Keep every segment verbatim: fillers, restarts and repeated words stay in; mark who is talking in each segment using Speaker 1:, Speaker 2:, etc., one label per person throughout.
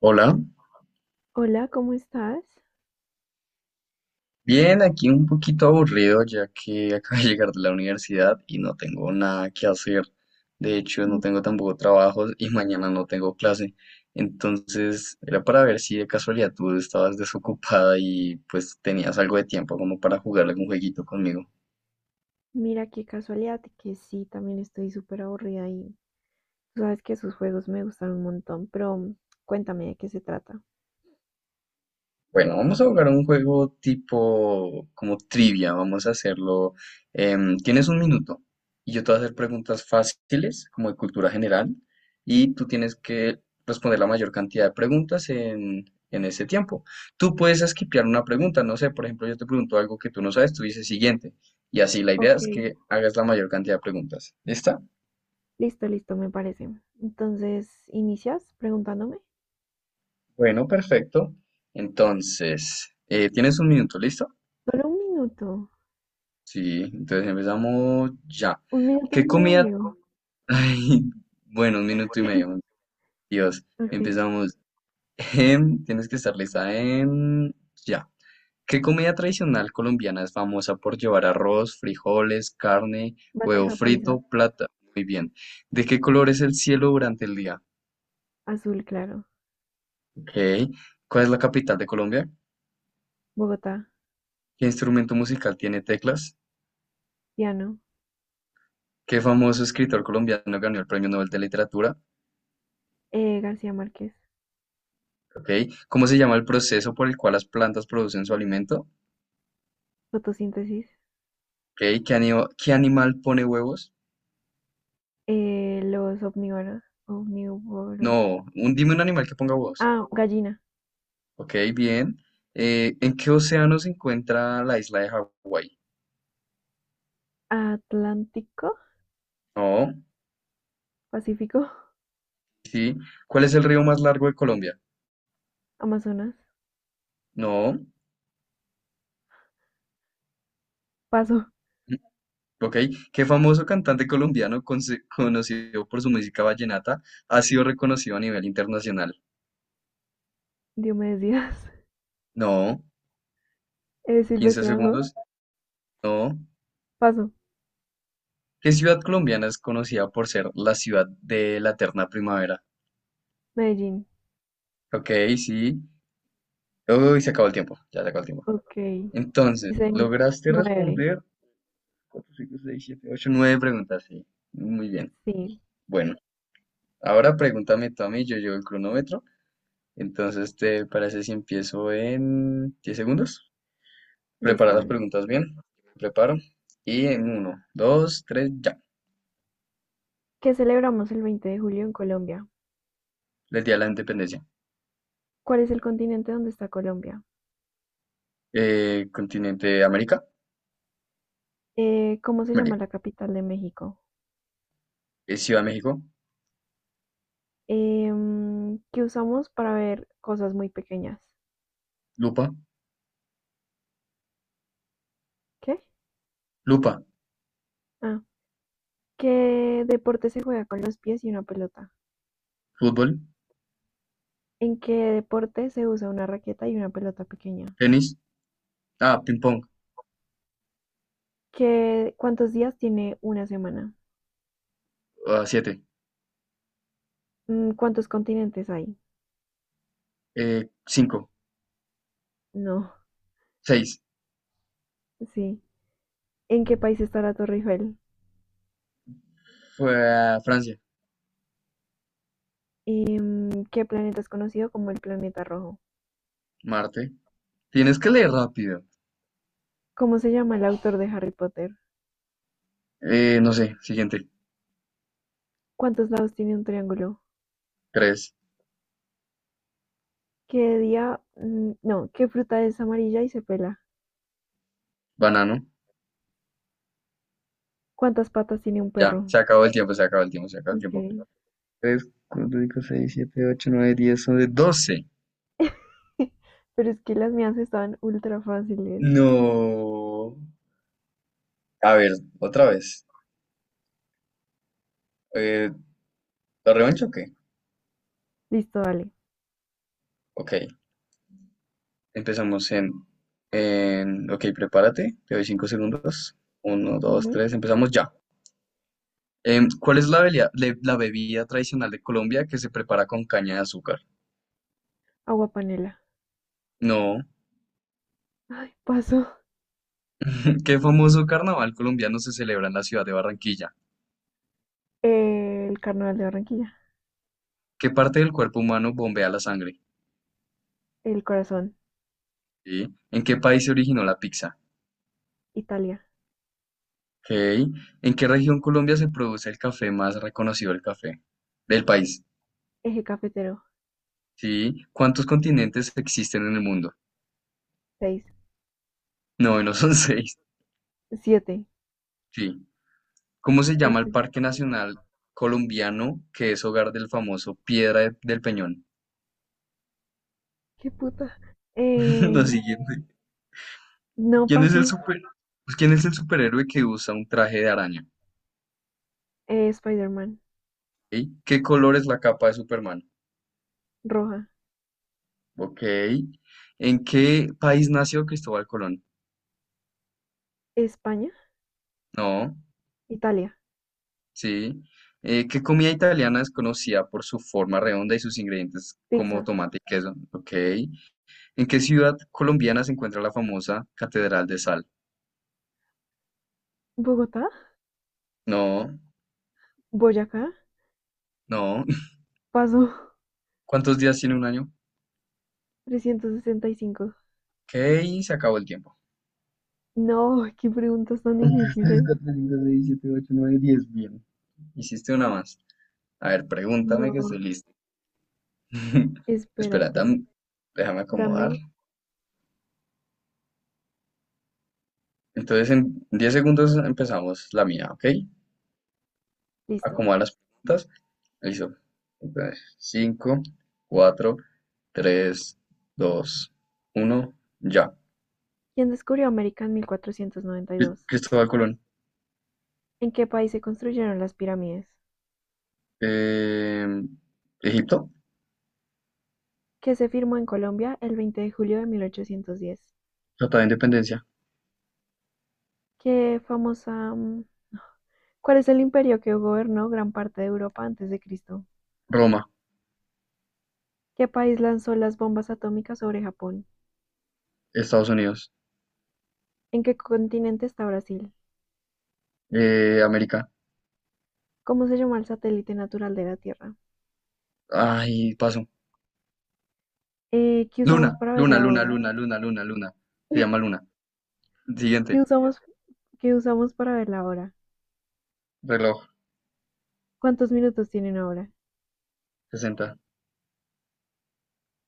Speaker 1: Hola,
Speaker 2: Hola, ¿cómo estás?
Speaker 1: bien, aquí un poquito aburrido ya que acabo de llegar de la universidad y no tengo nada que hacer. De hecho,
Speaker 2: Mm.
Speaker 1: no tengo tampoco trabajos y mañana no tengo clase. Entonces, era para ver si de casualidad tú estabas desocupada y pues tenías algo de tiempo como para jugar algún jueguito conmigo.
Speaker 2: Mira, qué casualidad que sí, también estoy súper aburrida y tú sabes que sus juegos me gustan un montón, pero mm, cuéntame de qué se trata.
Speaker 1: Bueno, vamos a jugar un juego tipo como trivia, vamos a hacerlo. Em, tienes un minuto y yo te voy a hacer preguntas fáciles, como de cultura general, y tú tienes que responder la mayor cantidad de preguntas en, en ese tiempo. Tú puedes esquipear una pregunta, no sé, por ejemplo, yo te pregunto algo que tú no sabes, tú dices siguiente, y así la idea
Speaker 2: Ok,
Speaker 1: es que hagas la mayor cantidad de preguntas. ¿Lista?
Speaker 2: listo, listo, me parece. Entonces, ¿inicias preguntándome?
Speaker 1: Bueno, perfecto. Entonces, eh, tienes un minuto, ¿listo?
Speaker 2: Solo un minuto.
Speaker 1: Sí, entonces empezamos ya.
Speaker 2: Un minuto y
Speaker 1: ¿Qué comida?
Speaker 2: medio.
Speaker 1: Ay, bueno, un minuto y
Speaker 2: Con
Speaker 1: medio. Dios,
Speaker 2: Ok.
Speaker 1: empezamos. Em, tienes que estar lista. Em, ya. ¿Qué comida tradicional colombiana es famosa por llevar arroz, frijoles, carne, huevo
Speaker 2: Bandeja paisa.
Speaker 1: frito, plata? Muy bien. ¿De qué color es el cielo durante el día?
Speaker 2: Azul claro.
Speaker 1: Ok. ¿Cuál es la capital de Colombia?
Speaker 2: Bogotá.
Speaker 1: ¿Qué instrumento musical tiene teclas?
Speaker 2: Piano.
Speaker 1: ¿Qué famoso escritor colombiano ganó el Premio Nobel de Literatura?
Speaker 2: eh, García Márquez.
Speaker 1: ¿Ok? ¿Cómo se llama el proceso por el cual las plantas producen su alimento?
Speaker 2: Fotosíntesis.
Speaker 1: ¿Ok? ¿Qué anima- qué animal pone huevos?
Speaker 2: Eh, los omnívoros. Omnívoros.
Speaker 1: No, un, dime un animal que ponga huevos.
Speaker 2: Ah, gallina.
Speaker 1: ¿Ok? Bien. Eh, ¿en qué océano se encuentra la isla de Hawái?
Speaker 2: Atlántico.
Speaker 1: No.
Speaker 2: Pacífico.
Speaker 1: ¿Sí? ¿Cuál es el río más largo de Colombia?
Speaker 2: Amazonas.
Speaker 1: No.
Speaker 2: Paso.
Speaker 1: ¿Ok? ¿Qué famoso cantante colombiano conce- conocido por su música vallenata ha sido reconocido a nivel internacional?
Speaker 2: Diomedes Díaz.
Speaker 1: No.
Speaker 2: eh,
Speaker 1: Quince
Speaker 2: Silvestre Ango.
Speaker 1: segundos? No.
Speaker 2: Paso.
Speaker 1: ¿Qué ciudad colombiana es conocida por ser la ciudad de la eterna primavera?
Speaker 2: Medellín.
Speaker 1: Ok, sí. Uy, se acabó el tiempo. Ya se acabó el tiempo.
Speaker 2: Ok.
Speaker 1: Entonces,
Speaker 2: Hice
Speaker 1: lograste
Speaker 2: nueve.
Speaker 1: responder cuatro, cinco, seis, siete, ocho, nueve preguntas, sí. Muy bien.
Speaker 2: Sí.
Speaker 1: Bueno, ahora pregúntame tú a mí, yo llevo el cronómetro. Entonces, ¿te parece si empiezo en diez segundos? Prepara
Speaker 2: Listo,
Speaker 1: las
Speaker 2: dale.
Speaker 1: preguntas bien. Preparo. Y en uno, dos, tres, ya.
Speaker 2: ¿Qué celebramos el veinte de julio en Colombia?
Speaker 1: Les di a la independencia.
Speaker 2: ¿Cuál es el continente donde está Colombia?
Speaker 1: Eh, continente América.
Speaker 2: Eh, ¿cómo se llama
Speaker 1: América.
Speaker 2: la capital de México?
Speaker 1: Eh, Ciudad de México.
Speaker 2: Em, que usamos para ver cosas muy pequeñas?
Speaker 1: Lupa.
Speaker 2: ¿Qué?
Speaker 1: Lupa,
Speaker 2: Ah, ¿qué deporte se juega con los pies y una pelota?
Speaker 1: fútbol,
Speaker 2: ¿En qué deporte se usa una raqueta y una pelota pequeña?
Speaker 1: tenis, ah, ping pong,
Speaker 2: ¿Qué, ¿cuántos días tiene una semana?
Speaker 1: ah, siete,
Speaker 2: Mm, ¿Cuántos continentes hay?
Speaker 1: eh, cinco,
Speaker 2: No.
Speaker 1: seis,
Speaker 2: Sí. ¿En qué país está la Torre Eiffel?
Speaker 1: fue Francia,
Speaker 2: Em, ¿qué planeta es conocido como el planeta rojo?
Speaker 1: Marte. Tienes que leer rápido.
Speaker 2: ¿Cómo se llama el autor de Harry Potter?
Speaker 1: Eh, no sé, siguiente,
Speaker 2: ¿Cuántos lados tiene un triángulo?
Speaker 1: tres,
Speaker 2: ¿Qué día? mm, No, ¿qué fruta es amarilla y se pela?
Speaker 1: banano,
Speaker 2: ¿Cuántas patas tiene un
Speaker 1: ya,
Speaker 2: perro?
Speaker 1: se acabó el tiempo, se acabó el tiempo, se acabó el
Speaker 2: Ok.
Speaker 1: tiempo. Tres, cuatro, cinco, seis, siete, ocho, nueve, diez, once, doce.
Speaker 2: Pero es que las mías estaban ultra fáciles.
Speaker 1: No. A ver, otra vez. Eh, ¿La revancha o qué?
Speaker 2: Listo, dale.
Speaker 1: Ok, empezamos en, en... Ok, prepárate, te doy cinco segundos. Uno, dos,
Speaker 2: Ujú.
Speaker 1: tres, empezamos ya. Em, ¿cuál es la belia- le- la bebida tradicional de Colombia que se prepara con caña de azúcar?
Speaker 2: Agua panela.
Speaker 1: No.
Speaker 2: Ay, paso.
Speaker 1: ¿Qué famoso carnaval colombiano se celebra en la ciudad de Barranquilla?
Speaker 2: El carnaval de Barranquilla.
Speaker 1: ¿Qué parte del cuerpo humano bombea la sangre?
Speaker 2: El corazón.
Speaker 1: ¿Sí? ¿En qué país se originó la pizza?
Speaker 2: Italia.
Speaker 1: Ok. ¿En qué región Colombia se produce el café más reconocido, el café del país?
Speaker 2: Eje cafetero.
Speaker 1: ¿Sí? ¿Cuántos continentes existen en el mundo?
Speaker 2: Seis.
Speaker 1: No, no son seis.
Speaker 2: Siete.
Speaker 1: Sí. ¿Cómo se
Speaker 2: Es
Speaker 1: llama el
Speaker 2: el.
Speaker 1: Parque Nacional colombiano que es hogar del famoso Piedra de- del Peñón?
Speaker 2: Qué puta.
Speaker 1: Lo
Speaker 2: Eh,
Speaker 1: siguiente.
Speaker 2: no
Speaker 1: ¿Quién es el
Speaker 2: paso.
Speaker 1: super... Pues, ¿quién es el superhéroe que usa un traje de araña?
Speaker 2: Eh, Spider-Man.
Speaker 1: ¿Ok? ¿Qué color es la capa de Superman?
Speaker 2: Roja.
Speaker 1: Ok. ¿En qué país nació Cristóbal Colón?
Speaker 2: España.
Speaker 1: No.
Speaker 2: Italia.
Speaker 1: Sí. Eh, ¿qué comida italiana es conocida por su forma redonda y sus ingredientes como
Speaker 2: Pizza.
Speaker 1: tomate y queso? Ok. ¿En qué ciudad colombiana se encuentra la famosa Catedral de Sal?
Speaker 2: Bogotá.
Speaker 1: No.
Speaker 2: Boyacá.
Speaker 1: No.
Speaker 2: Paso.
Speaker 1: ¿Cuántos días tiene un año?
Speaker 2: trescientos sesenta y cinco.
Speaker 1: Ok. Se acabó el tiempo.
Speaker 2: No, qué preguntas tan
Speaker 1: Uno, dos, tres,
Speaker 2: difíciles.
Speaker 1: cuatro, cinco, seis, siete, ocho, nueve, diez. Bien. Hiciste una más. A ver, pregúntame que estoy
Speaker 2: No,
Speaker 1: listo. Espera,
Speaker 2: espérate.
Speaker 1: tam- déjame acomodar.
Speaker 2: Dame,
Speaker 1: Entonces, en diez segundos empezamos la mía, ¿ok?
Speaker 2: listo.
Speaker 1: Acomoda las preguntas. Listo. Entonces, cinco, cuatro, tres, dos, uno, ya.
Speaker 2: ¿Quién descubrió América en
Speaker 1: Cri-
Speaker 2: mil cuatrocientos noventa y dos?
Speaker 1: Cristóbal Colón.
Speaker 2: ¿En qué país se construyeron las pirámides?
Speaker 1: Eh, Egipto.
Speaker 2: ¿Qué se firmó en Colombia el veinte de julio de mil ochocientos diez?
Speaker 1: Tratado de Independencia.
Speaker 2: ¿Qué famosa... mm, ¿Cuál es el imperio que gobernó gran parte de Europa antes de Cristo?
Speaker 1: Roma.
Speaker 2: ¿Qué país lanzó las bombas atómicas sobre Japón?
Speaker 1: Estados Unidos.
Speaker 2: ¿En qué continente está Brasil?
Speaker 1: Eh, América.
Speaker 2: ¿Cómo se llama el satélite natural de la Tierra?
Speaker 1: Ay, paso.
Speaker 2: Eh, ¿qué usamos
Speaker 1: Luna,
Speaker 2: para ver
Speaker 1: luna,
Speaker 2: la
Speaker 1: luna,
Speaker 2: hora?
Speaker 1: luna, luna, luna, luna. Se llama Luna.
Speaker 2: ¿Qué
Speaker 1: Siguiente.
Speaker 2: usamos, qué usamos para ver la hora?
Speaker 1: Reloj.
Speaker 2: ¿Cuántos minutos tiene una hora?
Speaker 1: Sesenta.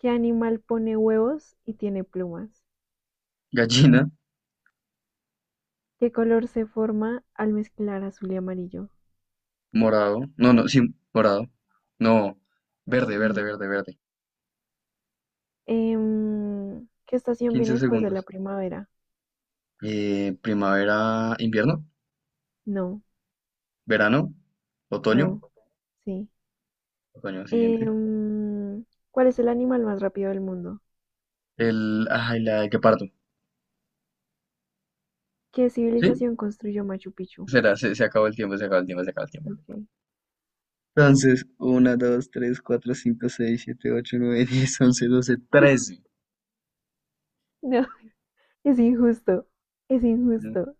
Speaker 2: ¿Qué animal pone huevos y tiene plumas?
Speaker 1: Gallina,
Speaker 2: ¿Qué color se forma al mezclar azul y amarillo?
Speaker 1: morado. No, no, sí, morado. No, verde, verde,
Speaker 2: No.
Speaker 1: verde, verde.
Speaker 2: Em, ¿qué estación viene
Speaker 1: quince
Speaker 2: después de la
Speaker 1: segundos.
Speaker 2: primavera?
Speaker 1: Eh, primavera, invierno,
Speaker 2: No,
Speaker 1: verano, otoño,
Speaker 2: no, sí.
Speaker 1: otoño siguiente.
Speaker 2: Em, ¿Cuál es el animal más rápido del mundo?
Speaker 1: El, ay, la de parto.
Speaker 2: ¿Qué
Speaker 1: ¿Sí?
Speaker 2: civilización construyó Machu Picchu?
Speaker 1: Será, se, se acabó el tiempo, se acabó el tiempo, se acabó el tiempo.
Speaker 2: Ok.
Speaker 1: Entonces, uno, dos, tres, cuatro, cinco, seis, siete, ocho, nueve, diez, once, doce, trece.
Speaker 2: No, es injusto, es injusto.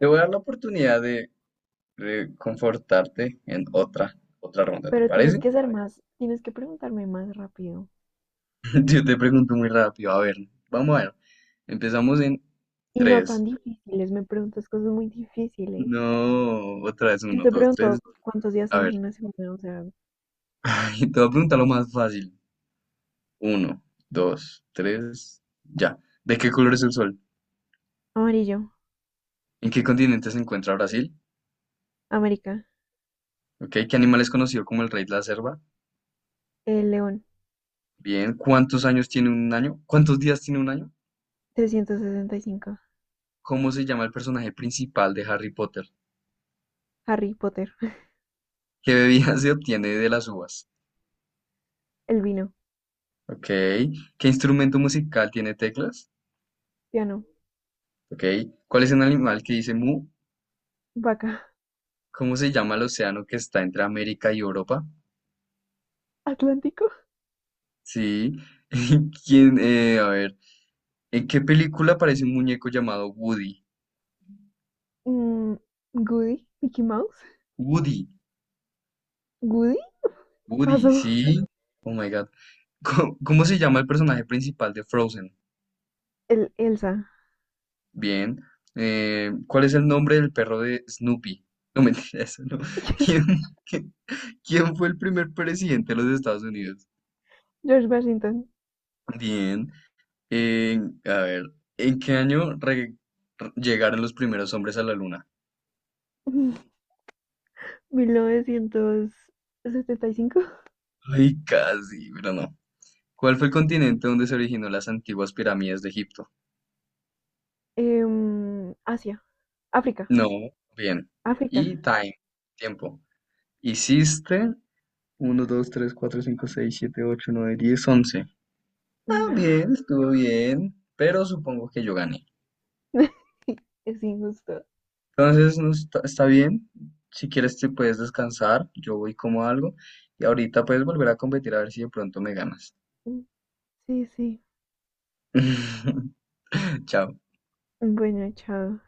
Speaker 1: Te voy a dar la oportunidad de reconfortarte en otra, otra ronda, ¿te
Speaker 2: Pero tienes
Speaker 1: parece?
Speaker 2: que ser más, tienes que preguntarme más rápido.
Speaker 1: Yo te pregunto muy rápido, a ver, vamos a ver. Empezamos en
Speaker 2: Y no tan
Speaker 1: tres.
Speaker 2: difíciles, me preguntas cosas muy difíciles.
Speaker 1: No, otra vez
Speaker 2: Yo
Speaker 1: uno,
Speaker 2: te
Speaker 1: dos, tres.
Speaker 2: pregunto cuántos días
Speaker 1: A
Speaker 2: hay
Speaker 1: ver,
Speaker 2: en una semana, o sea,
Speaker 1: te voy a preguntar lo más fácil. Uno, dos, tres, ya. ¿De qué color es el sol?
Speaker 2: amarillo,
Speaker 1: ¿En qué continente se encuentra Brasil?
Speaker 2: América,
Speaker 1: ¿Ok? ¿Qué animal es conocido como el rey de la selva?
Speaker 2: el león,
Speaker 1: Bien, ¿cuántos años tiene un año? ¿Cuántos días tiene un año?
Speaker 2: trescientos sesenta y cinco,
Speaker 1: ¿Cómo se llama el personaje principal de Harry Potter?
Speaker 2: Harry Potter,
Speaker 1: ¿Qué bebida se obtiene de las uvas?
Speaker 2: el vino,
Speaker 1: ¿Ok? ¿Qué instrumento musical tiene teclas?
Speaker 2: piano,
Speaker 1: Ok. ¿Cuál es un animal que dice mu?
Speaker 2: vaca,
Speaker 1: ¿Cómo se llama el océano que está entre América y Europa?
Speaker 2: Atlántico,
Speaker 1: Sí. ¿Quién? eh, a ver. ¿En qué película aparece un muñeco llamado Woody?
Speaker 2: mm, Goody, Mickey Mouse,
Speaker 1: Woody.
Speaker 2: Goody,
Speaker 1: Woody,
Speaker 2: paso,
Speaker 1: sí. Oh my God. ¿Cómo, cómo se llama el personaje principal de Frozen?
Speaker 2: el Elsa,
Speaker 1: Bien. Eh, ¿cuál es el nombre del perro de Snoopy? No mentira, eso no.
Speaker 2: ¿qué es?
Speaker 1: ¿Quién, quién fue el primer presidente de los Estados Unidos?
Speaker 2: George Washington,
Speaker 1: Bien. En- a ver, ¿en qué año re- r- llegaron los primeros hombres a la luna?
Speaker 2: mil novecientos setenta y cinco,
Speaker 1: Ay, casi, pero no. ¿Cuál fue el continente donde se originó las antiguas pirámides de Egipto?
Speaker 2: em, Asia, África,
Speaker 1: No, bien.
Speaker 2: África.
Speaker 1: Y time, tiempo. Hiciste uno, dos, tres, cuatro, cinco, seis, siete, ocho, nueve, diez, once. Ah, bien, estuvo bien, pero supongo que yo gané.
Speaker 2: Es injusto.
Speaker 1: Entonces, no está, está bien. Si quieres te puedes descansar, yo voy como algo y ahorita puedes volver a competir a ver si de pronto me ganas.
Speaker 2: Mm. Sí, sí.
Speaker 1: Chao.
Speaker 2: Bueno, chao.